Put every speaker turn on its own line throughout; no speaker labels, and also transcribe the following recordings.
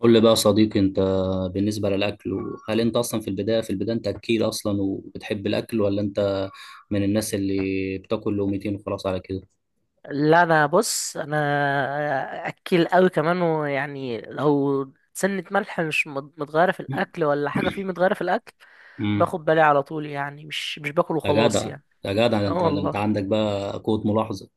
قول لي بقى يا صديقي، انت بالنسبة للأكل، هل انت اصلا في البداية انت اكيل اصلا وبتحب الأكل، ولا انت من الناس اللي بتاكل لقمتين وخلاص على كده؟
لا، انا بص اكل قوي كمان. ويعني لو سنة ملح مش متغيرة في الاكل ولا حاجة فيه متغيرة في الاكل،
امم
باخد بالي على طول يعني. مش باكل
يا
وخلاص
جدع،
يعني.
يا جدع، ده
اه
انت ده انت
والله،
عندك بقى قوة ملاحظة.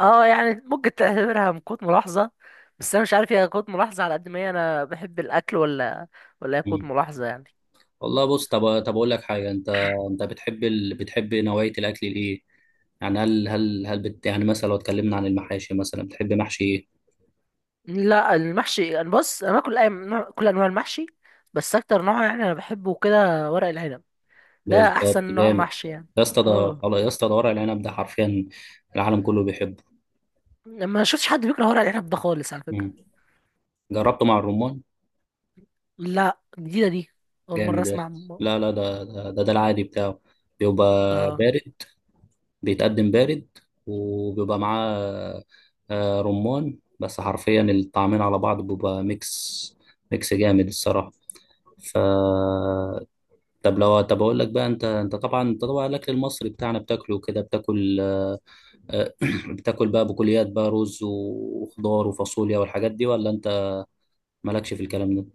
اه يعني ممكن تعتبرها من قوة ملاحظة، بس انا مش عارف هي قوة ملاحظة على قد ما هي انا بحب الاكل، ولا هي قوة
امم
ملاحظة يعني.
والله بص، طب اقول لك حاجة. انت بتحب نوعية الأكل الايه؟ يعني يعني مثلا لو اتكلمنا عن المحاشي، مثلا بتحب محشي ايه؟
لا، المحشي انا بص انا باكل كل انواع المحشي، بس اكتر نوع يعني انا بحبه كده ورق العنب. ده احسن
بالظبط،
نوع
جامد.
محشي يعني.
يا اسطى ده،
اه.
يا اسطى ده ورق العنب ده حرفيا العالم كله بيحبه.
ما شفتش حد بيكره ورق العنب ده خالص على فكرة.
مم. جربته مع الرمان؟
لا، جديدة دي، أول مرة
جامد يا
أسمع
اسطى.
م-
لا لا، ده العادي بتاعه بيبقى
اه.
بارد، بيتقدم بارد، وبيبقى معاه رمان، بس حرفيا الطعمين على بعض بيبقى ميكس، ميكس جامد الصراحة. ف طب لو، اقول لك بقى، انت طبعا الاكل المصري بتاعنا بتاكله كده. بتاكل آه، بتاكل بقى بكليات بقى، رز وخضار وفاصوليا والحاجات دي، ولا انت مالكش في الكلام ده؟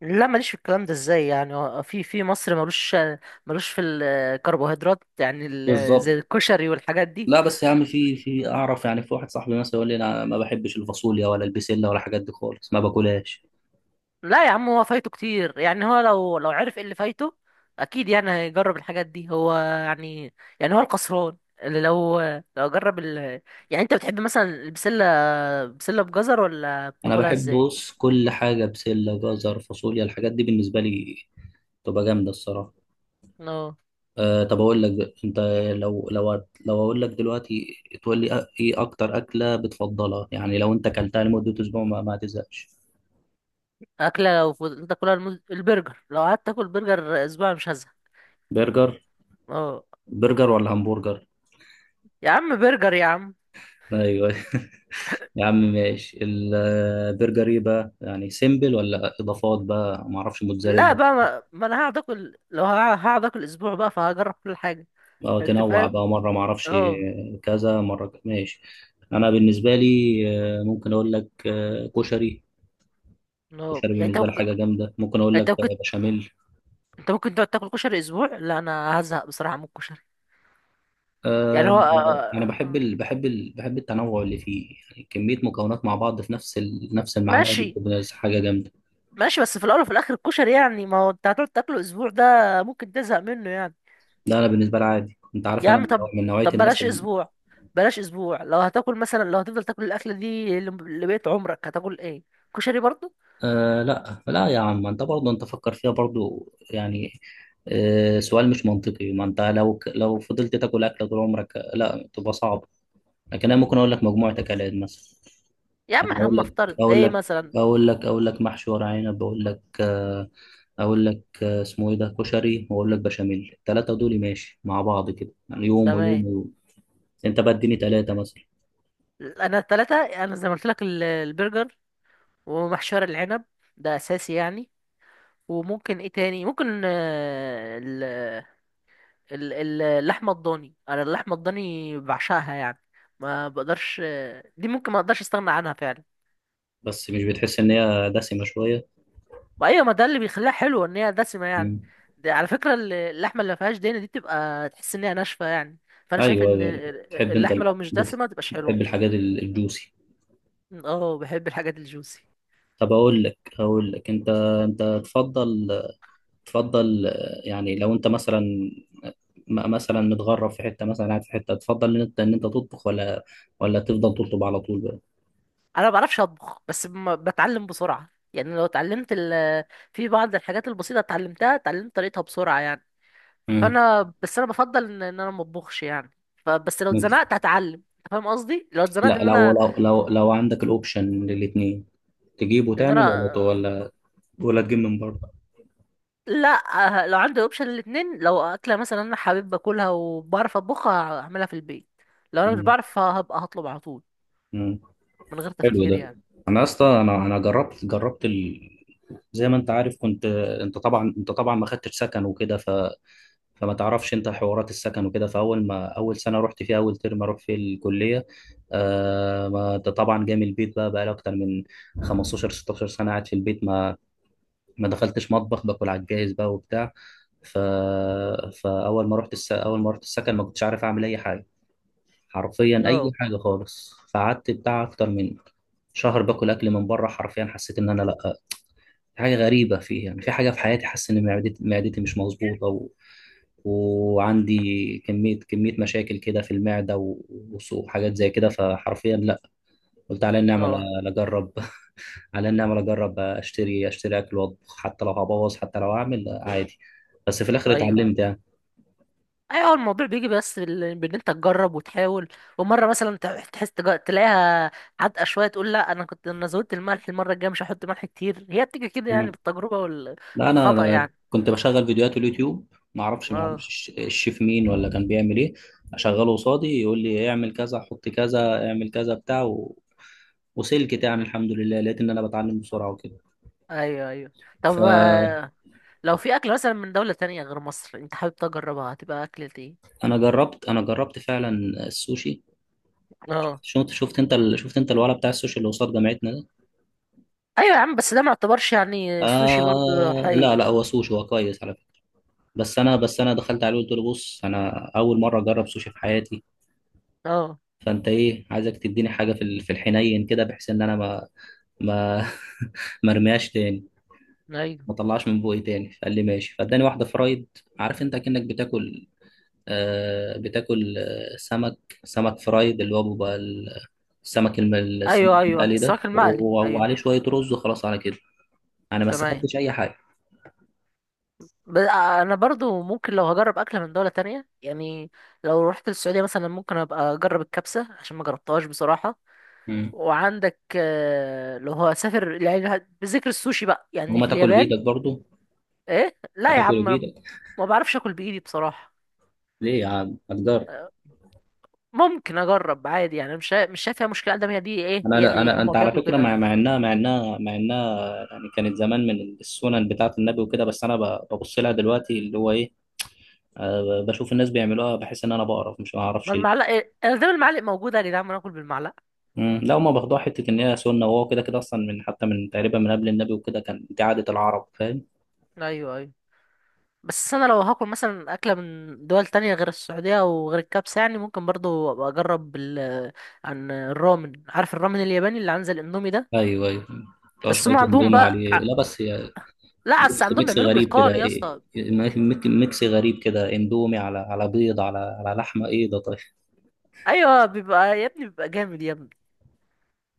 لا، ماليش في الكلام ده. ازاي يعني؟ هو في مصر ملوش، ملوش في الكربوهيدرات يعني
بالظبط.
زي الكشري والحاجات دي.
لا بس يا عم، في اعرف يعني، في واحد صاحبي مثلا يقول لي انا ما بحبش الفاصوليا ولا البسله ولا الحاجات دي خالص، ما باكلهاش.
لا يا عم، هو فايته كتير يعني. هو لو عرف ايه اللي فايته اكيد يعني هيجرب الحاجات دي هو يعني. يعني هو الخسران اللي لو، لو جرب يعني انت بتحب مثلا البسلة، بسلة بجزر؟ ولا
انا
بتاكلها
بحب
ازاي؟
بص، كل حاجه، بسله، جزر، فاصوليا، الحاجات دي بالنسبه لي تبقى جامده الصراحه.
آه.
أه، طب اقول لك بقى، انت لو لو لو اقول لك دلوقتي تقول لي ايه اكتر اكله بتفضلها، يعني لو انت اكلتها لمده اسبوع ما تزهقش؟
اكله لو فضلت تاكلها، البرجر. لو قعدت اكل برجر اسبوع مش هزهق.
برجر.
اه.
برجر ولا همبرجر؟
يا عم برجر يا عم.
ايوه. يا عم ماشي، البرجر ايه بقى يعني، سيمبل ولا اضافات بقى، ما اعرفش،
لا
موتزاريلا؟
بقى، ما انا هقعد اكل، لو هقعد اكل اسبوع بقى فهجرب كل حاجه.
اه
انت
تنوع
فاهم؟
بقى، مرة معرفش
اه.
ماشي. أنا بالنسبة لي ممكن أقول لك كشري.
اه
كشري
يعني انت
بالنسبة لي
ممكن.
حاجة جامدة، ممكن أقول
انت
لك
ممكن
بشاميل.
انت ممكن تقعد تاكل كشري اسبوع؟ لا، انا هزهق بصراحه من الكشري يعني. هو
آه، أنا بحب التنوع اللي فيه، يعني كمية مكونات مع بعض في نفس المعلقة دي
ماشي،
بتبقى حاجة جامدة.
ماشي. بس في الاول وفي الاخر الكشري يعني، ما هو انت هتقعد تاكله اسبوع ده ممكن تزهق منه يعني.
ده أنا بالنسبة لي عادي، أنت عارف
يا عم
أنا
طب،
من نوعية
طب
الناس.
بلاش اسبوع، بلاش اسبوع. لو هتاكل مثلا، لو هتفضل تاكل الاكله دي لبقية عمرك هتاكل ايه؟ كشري برضو؟
آه لا لا يا عم، انت برضه انت فكر فيها برضه يعني. آه، سؤال مش منطقي، ما انت لو لو فضلت تاكل اكل طول عمرك، لا تبقى صعب. لكن انا ممكن اقول لك مجموعه اكلات مثلا،
يا
يعني
عم احنا
اقول لك
بنفترض
اقول
ايه
لك
مثلا.
اقول لك اقول لك محشي ورق عنب، اقول لك اسمه ايه ده، كشري، واقول لك بشاميل. الثلاثه دول ماشي مع بعض كده، يعني يوم
تمام.
ويوم ويوم. انت بقى اديني ثلاثه مثلا.
انا التلاتة انا زي ما قلت لك البرجر، ومحشي ورق العنب، ده اساسي يعني. وممكن ايه تاني؟ ممكن اللحمه الضاني. انا اللحمه الضاني بعشقها يعني، ما بقدرش، دي ممكن ما اقدرش استغنى عنها فعلا.
بس مش بتحس ان هي دسمه شويه؟
ما ايوه، ما ده اللي بيخليها حلوه ان هي دسمه يعني. ده على فكره اللحمه اللي ما فيهاش دهنه دي بتبقى تحس انها ناشفه يعني. فانا شايف
ايوه
ان
ايوه، تحب
اللحمه لو مش دسمه ما تبقاش حلوه.
بتحب الحاجات الجوسي.
اه، بحب الحاجات الجوسي.
طب اقول لك انت، انت تفضل تفضل آه، يعني لو انت مثلا مثلا متغرب في حته، مثلا قاعد في حته، تفضل ان انت ان انت تطبخ، ولا تفضل تطلب على طول بقى؟
انا ما بعرفش اطبخ، بس بتعلم بسرعه يعني. لو اتعلمت في بعض الحاجات البسيطه اتعلمتها، اتعلمت طريقتها بسرعه يعني.
امم
فانا بس انا بفضل إن انا ما اطبخش يعني. فبس لو اتزنقت هتعلم. انت فاهم قصدي؟ لو اتزنقت
لا،
ان
لو
انا
لو لو لو عندك الاوبشن للاثنين، تجيب
ان
وتعمل، ولا ت-
انا
ولا ولا تجيب من بره؟
لا، آه، لو عندي اوبشن الاثنين، لو اكله مثلا انا حابب باكلها وبعرف اطبخها هعملها في البيت، لو انا مش
مم.
بعرف هبقى هطلب على طول
مم.
من غير
حلو
تفكير
ده.
يعني.
انا اصلا انا زي ما انت عارف كنت، انت طبعا ما خدتش سكن وكده، فما تعرفش انت حوارات السكن وكده، فاول ما اول سنه رحت فيها اول ترم اروح في الكليه، آه، ما انت طبعا جاي من البيت، بقى لي اكتر من 15 16 سنه قاعد في البيت، ما دخلتش مطبخ، باكل على الجاهز بقى وبتاع. ف... فاول ما اول ما رحت السكن ما كنتش عارف اعمل اي حاجه، حرفيا اي
اه.
حاجه خالص. فقعدت بتاع اكتر من شهر باكل اكل من بره، حرفيا حسيت ان انا لا، في حاجه غريبه في يعني، في حاجه في حياتي حاسس ان معدتي مش مظبوطه، وعندي كميه مشاكل كده في المعده، وحاجات زي كده. فحرفيا لا، قلت على النعمه لا،
اه.
لا اجرب. على النعمه لا، اجرب اشتري اكل واطبخ، حتى لو هبوظ، حتى لو اعمل عادي. بس في الاخر
ايوال
اتعلمت يعني.
ايوه، الموضوع بيجي بس بان انت تجرب وتحاول. ومره مثلا تحس تلاقيها حادقه شويه تقول لا انا كنت انا زودت الملح، المره الجايه مش هحط ملح كتير. هي بتيجي كده يعني بالتجربه
لا انا،
والخطأ يعني.
كنت بشغل فيديوهات اليوتيوب، ما اعرفش
اه،
الشيف مين ولا كان بيعمل ايه. اشغله قصادي، يقول لي اعمل كذا، حط كذا، اعمل كذا، بتاع، وسلكت يعني، الحمد لله لقيت ان انا بتعلم بسرعه وكده.
ايوه، ايوه. طب
فانا
آه، لو في اكل مثلا من دولة تانية غير مصر انت حابب تجربها، هتبقى اكلة ايه؟
جربت، انا جربت فعلا السوشي.
اه.
شفت انت الولد بتاع السوشي اللي قصاد جامعتنا ده؟
ايوه يا عم، بس ده ما يعتبرش يعني سوشي برضه
آه... لا
حقيقي.
لا، هو سوشي، هو كويس على فكره. بس انا، بس انا دخلت عليه وقلت له بص، انا اول مره اجرب سوشي في حياتي،
اه.
فانت ايه، عايزك تديني حاجه في في الحنين كده، بحيث ان انا ما، ما ما ارميهاش تاني،
ايوه
ما اطلعش من بوقي تاني. فقال لي ماشي، فاداني واحده فرايد، عارف انت كأنك بتاكل آه، بتاكل آه، سمك، سمك فرايد، اللي هو بيبقى السمك الم- السمك
ايوه. ايوه،
المقلي ده،
السمك المقلي، ايوه.
وعليه شويه رز وخلاص على كده. انا ما
تمام.
استفدتش اي حاجه.
انا برضو ممكن لو هجرب اكله من دوله تانية يعني، لو رحت السعوديه مثلا ممكن ابقى اجرب الكبسه عشان ما جربتهاش بصراحه.
مم.
وعندك آه، لو هسافر يعني بذكر السوشي بقى يعني
وما
في
تاكل
اليابان.
بايدك برضو؟
ايه لا يا
هتاكل
عم، أنا
بايدك؟
ما بعرفش اكل بايدي بصراحه.
ليه يا عم، هتجرب.
ممكن اجرب عادي يعني، مش مش شايف فيها مشكله. ده هي دي ايه،
انا
هي
انا
دي إيه؟ هما
انت على
بياكلوا
فكره،
كده
مع مع
هناك.
انها مع انها مع انها يعني كانت زمان من السنن بتاعه النبي وكده، بس انا ببص لها دلوقتي اللي هو ايه، بشوف الناس بيعملوها بحس ان انا بقرف، مش ما
ما
اعرفش ليه.
المعلقه إيه؟ انا دايما المعالق موجوده، يا جدعان ما ناكل بالمعلقه.
مم. لا هما باخدوها حته ان هي سنه، وهو كده كده اصلا من حتى من تقريبا من قبل النبي وكده كان، دي عاده العرب فاهم.
ايوه، ايوه. بس انا لو هاكل مثلا اكله من دول تانية غير السعوديه وغير الكبسه يعني ممكن برضو أبقى اجرب عن الرامن. عارف الرامن الياباني اللي عن زي الاندومي ده؟
ايوه ايوه. طب
بس هم
شويه
عندهم
اندومي
بقى
عليه. لا بس هي
لا، بس
ميكس،
عندهم
ميكس
بيعملوه
غريب
باتقان
كده،
يا
ايه
اسطى.
ميكس غريب كده، اندومي على على بيض على على لحمه، ايه ده طيب.
ايوه، بيبقى يا ابني، بيبقى جامد يا ابني.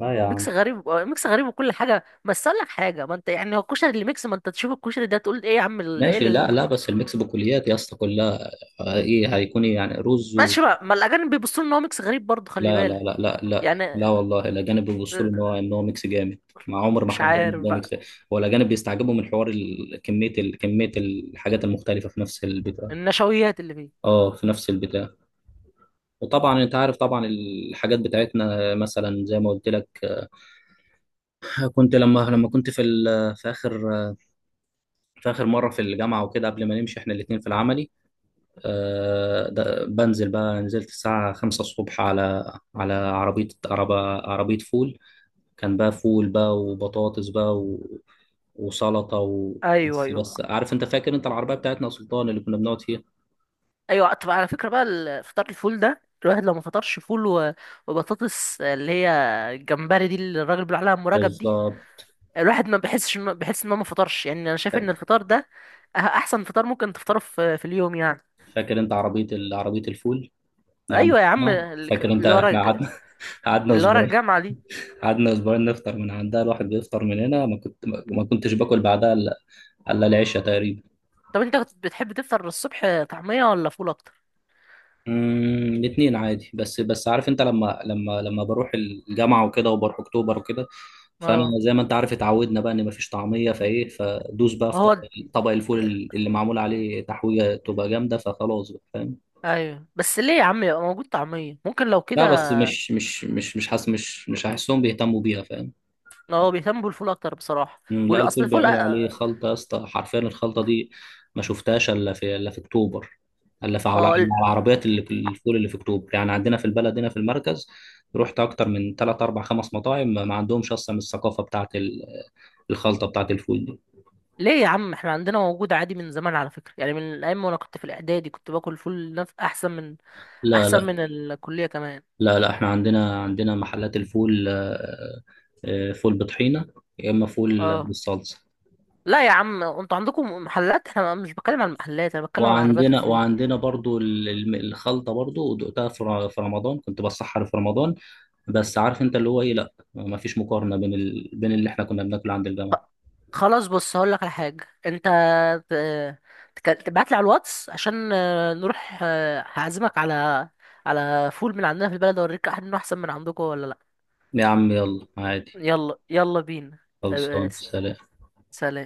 لا يا عم
ميكس غريب آه، ميكس غريب وكل حاجه. بس اقول لك حاجه، ما انت يعني هو الكشري اللي ميكس، ما انت تشوف الكشري ده تقول ايه يا عم ايه
ماشي. لا لا بس الميكس بكليات يا اسطى كلها، ايه هيكون إيه يعني، رز
ماشي بقى. ما الاجانب بيبصوا ان هو ميكس غريب برضه، خلي
لا لا
بالك.
لا لا لا لا،
يعني
والله الاجانب بيبصوا له ان هو،
آه،
ان هو ميكس جامد، مع عمر ما
مش
حد قال إن
عارف
ده ميكس،
بقى.
ولا الاجانب بيستعجبوا من حوار كميه الحاجات المختلفه في نفس البتاع.
النشويات اللي فيه.
اه، في نفس البتاع. وطبعا انت عارف طبعا الحاجات بتاعتنا مثلا زي ما قلت لك، كنت لما كنت في اخر في اخر مره في الجامعه وكده قبل ما نمشي احنا الاثنين في العملي، بنزل بقى، نزلت الساعة 5 الصبح على على عربية عربية فول، كان بقى فول بقى وبطاطس بقى وسلطة
ايوه،
بس
ايوه،
بس عارف انت، فاكر انت العربية بتاعتنا يا سلطان اللي كنا بنقعد فيها؟
ايوه. طب على فكره بقى فطار الفول ده، الواحد لو ما فطرش فول، و- وبطاطس اللي هي الجمبري دي، اللي الراجل بيقول عليها ام رجب دي،
بالظبط.
الواحد ما بيحسش بيحس ان هو ما فطرش يعني. انا شايف ان الفطار ده احسن فطار ممكن تفطره في اليوم يعني.
فاكر انت عربية الفول اللي عند
ايوه يا عم،
القناة؟
اللي
فاكر انت
ورا،
احنا قعدنا قعدنا
اللي ورا
اسبوعين،
الجامعة دي.
قعدنا اسبوعين نفطر من عندها، الواحد بيفطر من هنا ما كنت ما ما كنتش باكل بعدها الا، إلا العشاء تقريبا.
طب انت كنت بتحب تفطر الصبح طعمية ولا فول اكتر؟
الاثنين عادي، بس بس عارف انت، لما لما بروح الجامعه وكده، وبروح اكتوبر وكده، فانا
اه،
زي ما انت عارف اتعودنا بقى ان مفيش طعميه، فايه فدوس بقى
ما
في طبق،
هو
طبق الفول اللي معمول عليه تحويجه تبقى جامده، فخلاص بقى فاهم.
ايوه بس. ليه يا عم يبقى موجود طعمية؟ ممكن لو كده.
لا بس مش حاسس، مش هحسهم بيهتموا بيها فاهم.
هو بيهتم بالفول اكتر بصراحة.
مم، لا
والاصل
الفول
الفول،
بيعملوا عليه
اه.
خلطة يا اسطى، حرفيا الخلطة دي ما شفتهاش الا، في الا في اكتوبر، الا في على
اه،
إلا على العربيات اللي في الفول اللي في اكتوبر، يعني عندنا في البلد هنا في المركز رحت اكتر من 3 4 5 مطاعم، ما عندهمش اصلا الثقافة بتاعت الخلطة بتاعت الفول دي.
ليه يا عم؟ احنا عندنا موجود عادي من زمان على فكرة. يعني من ايام وانا كنت في الاعدادي كنت باكل فول احسن من،
لا
احسن
لا.
من الكلية كمان.
لا لا احنا عندنا، عندنا محلات الفول، فول بطحينة، يا اما فول
اه.
بالصلصة.
لا يا عم، انتوا عندكم محلات، احنا مش بتكلم عن المحلات، انا بتكلم عن عربيات
وعندنا
الفول.
وعندنا برضو الخلطة برضو دقتها في في رمضان، كنت بسحر في رمضان، بس عارف انت اللي هو ايه، لا ما فيش مقارنة بين بين اللي احنا كنا بناكله عند
خ-
الجامعة.
خلاص، بص هقول لك على حاجة. انت تبعت لي على الواتس عشان آه، نروح آه، هعزمك على، على فول من عندنا في البلد اوريك احد انه احسن من عندكم ولا لا.
يا عم يلا عادي.
يلا، يلا بينا. آه، آه،
خلصان سلام.
سلام.